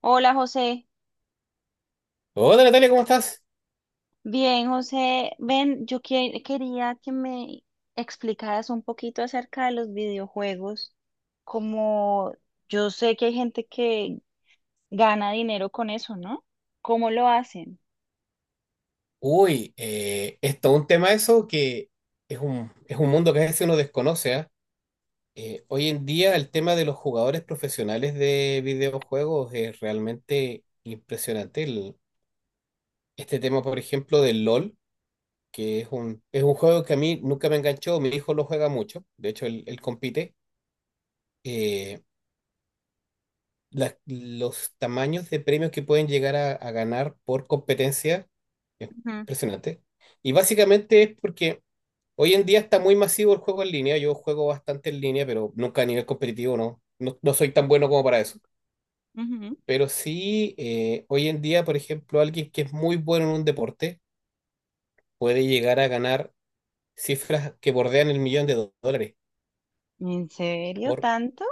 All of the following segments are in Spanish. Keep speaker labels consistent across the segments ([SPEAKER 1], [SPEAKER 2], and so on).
[SPEAKER 1] Hola José,
[SPEAKER 2] Hola Natalia, ¿cómo estás?
[SPEAKER 1] bien José, ven, yo quería que me explicaras un poquito acerca de los videojuegos, como yo sé que hay gente que gana dinero con eso, ¿no? ¿Cómo lo hacen?
[SPEAKER 2] Uy, es todo un tema eso que es un mundo que a veces uno desconoce, ¿ah? Hoy en día el tema de los jugadores profesionales de videojuegos es realmente impresionante. Este tema, por ejemplo, del LOL, que es un juego que a mí nunca me enganchó, mi hijo lo juega mucho, de hecho él compite. Eh, los tamaños de premios que pueden llegar a ganar por competencia es
[SPEAKER 1] Ujú.
[SPEAKER 2] impresionante. Y básicamente es porque... Hoy en día está muy masivo el juego en línea. Yo juego bastante en línea, pero nunca a nivel competitivo, no. No, no soy tan bueno como para eso.
[SPEAKER 1] Ujú.
[SPEAKER 2] Pero sí, hoy en día, por ejemplo, alguien que es muy bueno en un deporte puede llegar a ganar cifras que bordean el millón de dólares.
[SPEAKER 1] ¿En serio
[SPEAKER 2] Por,
[SPEAKER 1] tanto?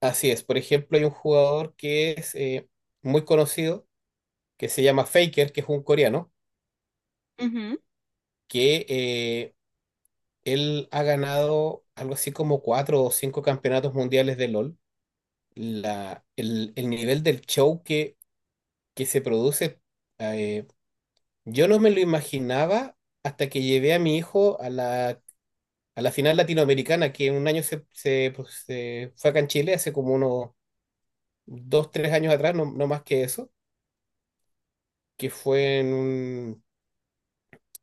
[SPEAKER 2] así es. Por ejemplo, hay un jugador que es muy conocido, que se llama Faker, que es un coreano,
[SPEAKER 1] Ujú.
[SPEAKER 2] que él ha ganado algo así como cuatro o cinco campeonatos mundiales de LOL. El nivel del show que se produce, eh, yo no me lo imaginaba hasta que llevé a mi hijo a la final latinoamericana, que un año pues, se fue acá en Chile, hace como unos dos, tres años atrás, no, no más que eso, que fue en un,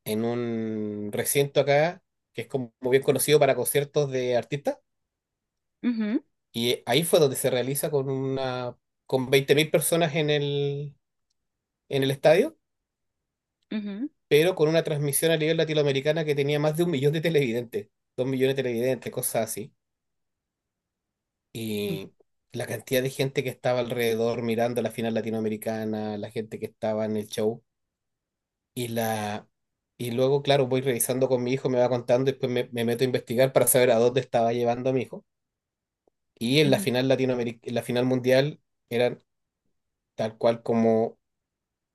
[SPEAKER 2] en un recinto acá, que es como bien conocido para conciertos de artistas,
[SPEAKER 1] Ujú.
[SPEAKER 2] y ahí fue donde se realiza con una... con 20.000 personas en el estadio,
[SPEAKER 1] Ujú.
[SPEAKER 2] pero con una transmisión a nivel latinoamericana que tenía más de un millón de televidentes, dos millones de televidentes, cosas así. Y la cantidad de gente que estaba alrededor mirando la final latinoamericana, la gente que estaba en el show. Y la... y luego, claro, voy revisando con mi hijo, me va contando, después me meto a investigar para saber a dónde estaba llevando a mi hijo. Y en la final en la final mundial eran tal cual como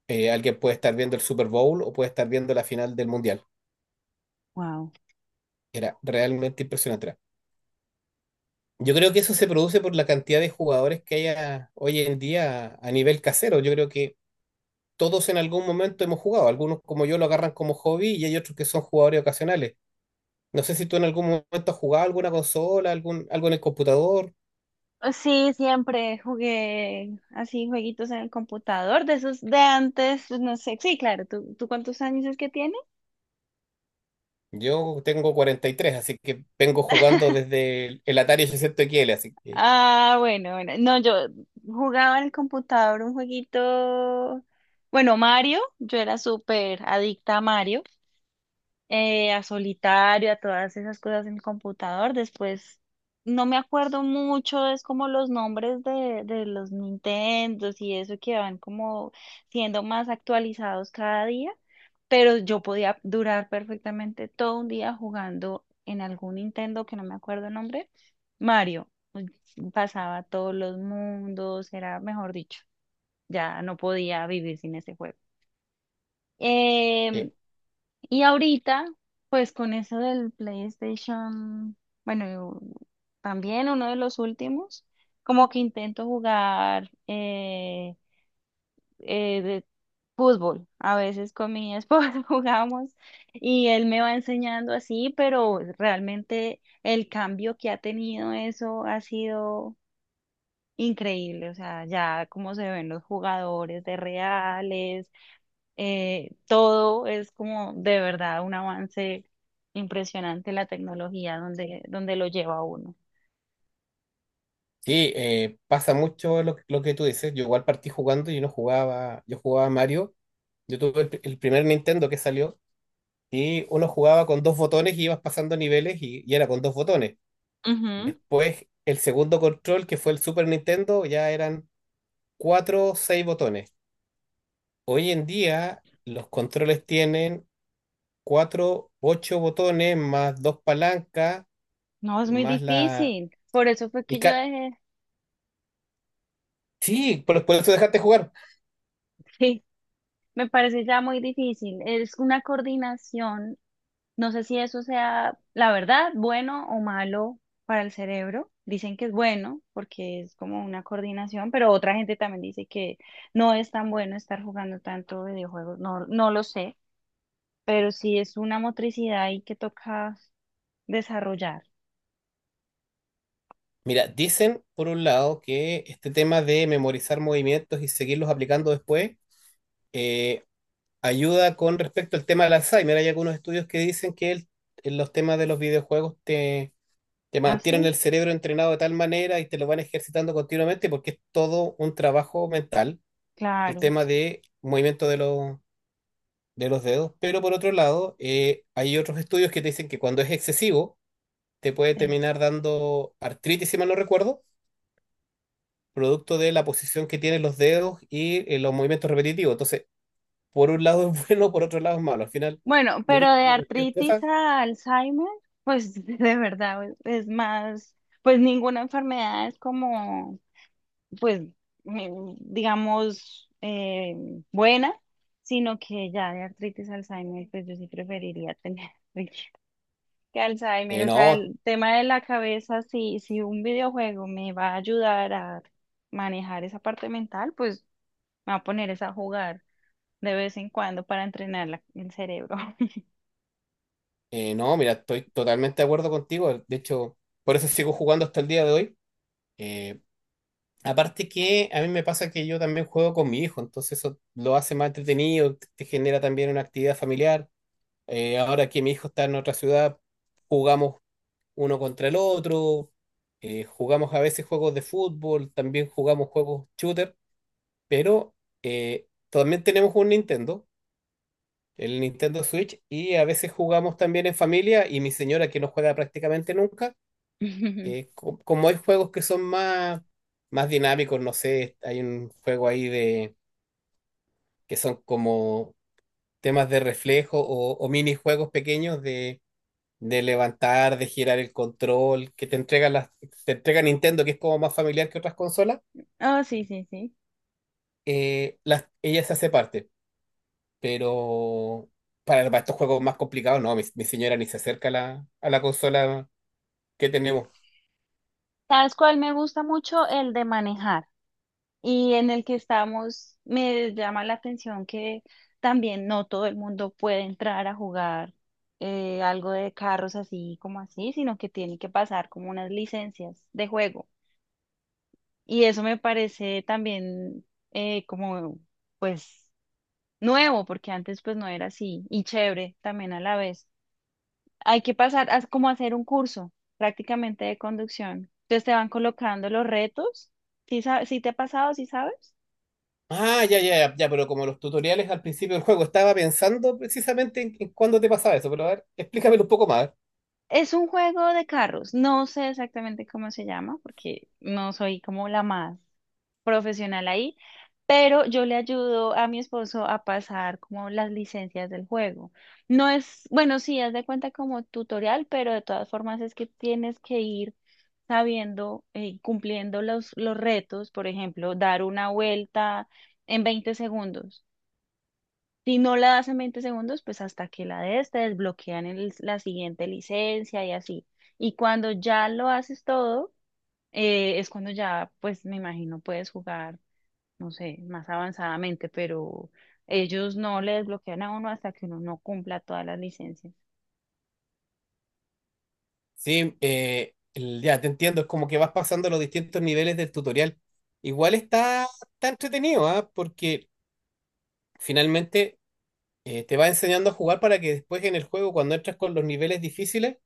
[SPEAKER 2] alguien puede estar viendo el Super Bowl o puede estar viendo la final del mundial.
[SPEAKER 1] Wow.
[SPEAKER 2] Era realmente impresionante. Yo creo que eso se produce por la cantidad de jugadores que hay hoy en día a nivel casero. Yo creo que todos en algún momento hemos jugado. Algunos como yo lo agarran como hobby y hay otros que son jugadores ocasionales. No sé si tú en algún momento has jugado alguna consola, algo en el computador.
[SPEAKER 1] Sí, siempre jugué así jueguitos en el computador, de esos de antes, pues, no sé, sí, claro, ¿tú cuántos años es que tienes?
[SPEAKER 2] Yo tengo 43, así que vengo jugando desde el Atari 800 XL. Así que
[SPEAKER 1] Ah, bueno, bueno, no, yo jugaba en el computador un jueguito, bueno, Mario, yo era súper adicta a Mario. A solitario, a todas esas cosas en el computador. Después, no me acuerdo mucho, es como los nombres de los Nintendos y eso que van como siendo más actualizados cada día, pero yo podía durar perfectamente todo un día jugando en algún Nintendo que no me acuerdo el nombre, Mario. Pues, pasaba todos los mundos, era mejor dicho, ya no podía vivir sin ese juego. Em,
[SPEAKER 2] eh,
[SPEAKER 1] y ahorita, pues con eso del PlayStation, bueno, también uno de los últimos, como que intento jugar de fútbol. A veces con mi esposo jugamos y él me va enseñando así, pero realmente el cambio que ha tenido eso ha sido increíble. O sea, ya como se ven los jugadores de reales, todo es como de verdad un avance impresionante la tecnología donde, donde lo lleva a uno.
[SPEAKER 2] sí, pasa mucho lo que tú dices. Yo igual partí jugando y no jugaba, yo jugaba Mario. Yo tuve el primer Nintendo que salió y uno jugaba con dos botones y ibas pasando niveles y era con dos botones.
[SPEAKER 1] Ujú.
[SPEAKER 2] Después, el segundo control, que fue el Super Nintendo, ya eran cuatro o seis botones. Hoy en día, los controles tienen cuatro, ocho botones, más dos palancas,
[SPEAKER 1] No, es muy
[SPEAKER 2] más la...
[SPEAKER 1] difícil. Por eso fue
[SPEAKER 2] Y
[SPEAKER 1] que yo
[SPEAKER 2] ca-
[SPEAKER 1] dejé.
[SPEAKER 2] Sí, por eso dejaste jugar.
[SPEAKER 1] Sí, me parece ya muy difícil. Es una coordinación. No sé si eso sea, la verdad, bueno o malo para el cerebro. Dicen que es bueno porque es como una coordinación, pero otra gente también dice que no es tan bueno estar jugando tanto videojuegos. No, no lo sé. Pero sí es una motricidad ahí que toca desarrollar.
[SPEAKER 2] Mira, dicen por un lado que este tema de memorizar movimientos y seguirlos aplicando después eh, ayuda con respecto al tema del Alzheimer. Hay algunos estudios que dicen que en los temas de los videojuegos te
[SPEAKER 1] ¿Ah,
[SPEAKER 2] mantienen
[SPEAKER 1] sí?
[SPEAKER 2] el cerebro entrenado de tal manera y te lo van ejercitando continuamente porque es todo un trabajo mental, el
[SPEAKER 1] Claro,
[SPEAKER 2] tema de movimiento de los dedos. Pero por otro lado, hay otros estudios que te dicen que cuando es excesivo, te puede
[SPEAKER 1] sí.
[SPEAKER 2] terminar dando artritis, si mal no recuerdo, producto de la posición que tienen los dedos y los movimientos repetitivos. Entonces, por un lado es bueno, por otro lado es malo. Al final...
[SPEAKER 1] Bueno,
[SPEAKER 2] Yo creo
[SPEAKER 1] pero
[SPEAKER 2] que
[SPEAKER 1] de
[SPEAKER 2] como cualquier
[SPEAKER 1] artritis
[SPEAKER 2] cosa,
[SPEAKER 1] a Alzheimer, pues de verdad es más, pues ninguna enfermedad es como, pues, digamos, buena, sino que ya de artritis a Alzheimer, pues yo sí preferiría tener. Que Alzheimer, o sea,
[SPEAKER 2] No,
[SPEAKER 1] el tema de la cabeza, si un videojuego me va a ayudar a manejar esa parte mental, pues me va a poner esa a jugar de vez en cuando para entrenar el cerebro.
[SPEAKER 2] no, mira, estoy totalmente de acuerdo contigo. De hecho, por eso sigo jugando hasta el día de hoy. Eh, aparte que a mí me pasa que yo también juego con mi hijo, entonces eso lo hace más entretenido, te genera también una actividad familiar. Ahora que mi hijo está en otra ciudad, jugamos uno contra el otro, jugamos a veces juegos de fútbol, también jugamos juegos shooter, pero también tenemos un Nintendo, el Nintendo Switch, y a veces jugamos también en familia y mi señora que no juega prácticamente nunca, como hay juegos que son más dinámicos, no sé, hay un juego ahí de que son como temas de reflejo o minijuegos pequeños de, levantar, de girar el control, que te entrega te entrega Nintendo, que es como más familiar que otras consolas,
[SPEAKER 1] Oh, sí, sí, sí.
[SPEAKER 2] ella se hace parte, pero... Para estos juegos más complicados, no, mi señora ni se acerca a la consola. ¿Qué tenemos?
[SPEAKER 1] ¿Sabes cuál me gusta mucho? El de manejar. Y en el que estamos, me llama la atención que también no todo el mundo puede entrar a jugar, algo de carros así como así, sino que tiene que pasar como unas licencias de juego. Y eso me parece también, como, pues, nuevo, porque antes pues no era así, y chévere también a la vez. Hay que pasar a como hacer un curso prácticamente de conducción. Entonces te van colocando los retos. ¿Sí, sí te ha pasado? ¿Sí sabes?
[SPEAKER 2] Ah, ya, ya, ya, ya, pero como los tutoriales al principio del juego, estaba pensando precisamente en cuándo te pasaba eso, pero a ver, explícamelo un poco más.
[SPEAKER 1] Es un juego de carros. No sé exactamente cómo se llama porque no soy como la más profesional ahí, pero yo le ayudo a mi esposo a pasar como las licencias del juego. No es, bueno, sí, haz de cuenta como tutorial, pero de todas formas es que tienes que ir sabiendo y cumpliendo los retos, por ejemplo, dar una vuelta en 20 segundos. Si no la das en 20 segundos, pues hasta que la des, te desbloquean la siguiente licencia y así. Y cuando ya lo haces todo, es cuando ya, pues me imagino, puedes jugar, no sé, más avanzadamente, pero ellos no le desbloquean a uno hasta que uno no cumpla todas las licencias.
[SPEAKER 2] Sí, ya te entiendo, es como que vas pasando los distintos niveles del tutorial. Igual está entretenido, ¿ah? Porque finalmente te va enseñando a jugar para que después en el juego, cuando entras con los niveles difíciles,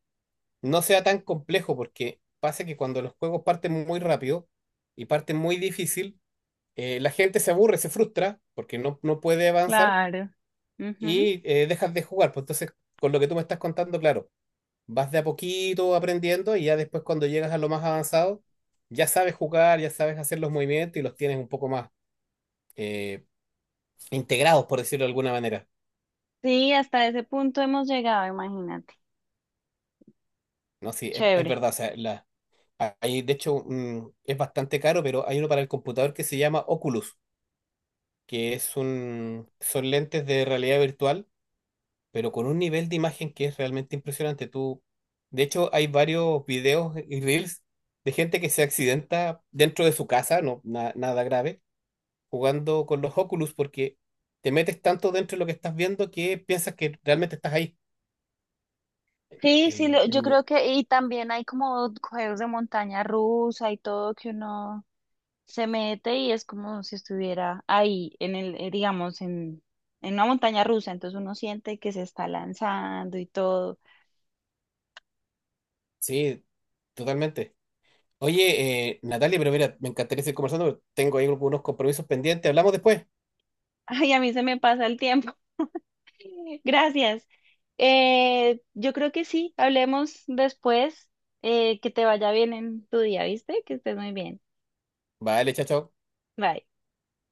[SPEAKER 2] no sea tan complejo, porque pasa que cuando los juegos parten muy rápido y parten muy difícil, la gente se aburre, se frustra porque no puede avanzar
[SPEAKER 1] Claro. Ujú.
[SPEAKER 2] y dejas de jugar. Pues entonces, con lo que tú me estás contando, claro, vas de a poquito aprendiendo y ya después cuando llegas a lo más avanzado, ya sabes jugar, ya sabes hacer los movimientos y los tienes un poco más eh, integrados, por decirlo de alguna manera.
[SPEAKER 1] Sí, hasta ese punto hemos llegado, imagínate.
[SPEAKER 2] No, sí, es
[SPEAKER 1] Chévere.
[SPEAKER 2] verdad. O sea, hay, de hecho, es bastante caro, pero hay uno para el computador que se llama Oculus, que son lentes de realidad virtual pero con un nivel de imagen que es realmente impresionante. Tú, de hecho, hay varios videos y reels de gente que se accidenta dentro de su casa, no nada grave, jugando con los Oculus porque te metes tanto dentro de lo que estás viendo que piensas que realmente estás ahí.
[SPEAKER 1] Sí, sí, yo
[SPEAKER 2] El ni-
[SPEAKER 1] creo que, y también hay como juegos de montaña rusa y todo que uno se mete y es como si estuviera ahí en el, digamos, en una montaña rusa, entonces uno siente que se está lanzando y todo.
[SPEAKER 2] Sí, totalmente. Oye, Natalia, pero mira, me encantaría seguir conversando, pero tengo ahí algunos compromisos pendientes. Hablamos después.
[SPEAKER 1] Ay, a mí se me pasa el tiempo. Gracias. Yo creo que sí, hablemos después. Que te vaya bien en tu día, ¿viste? Que estés muy bien.
[SPEAKER 2] Vale, chao, chao.
[SPEAKER 1] Bye.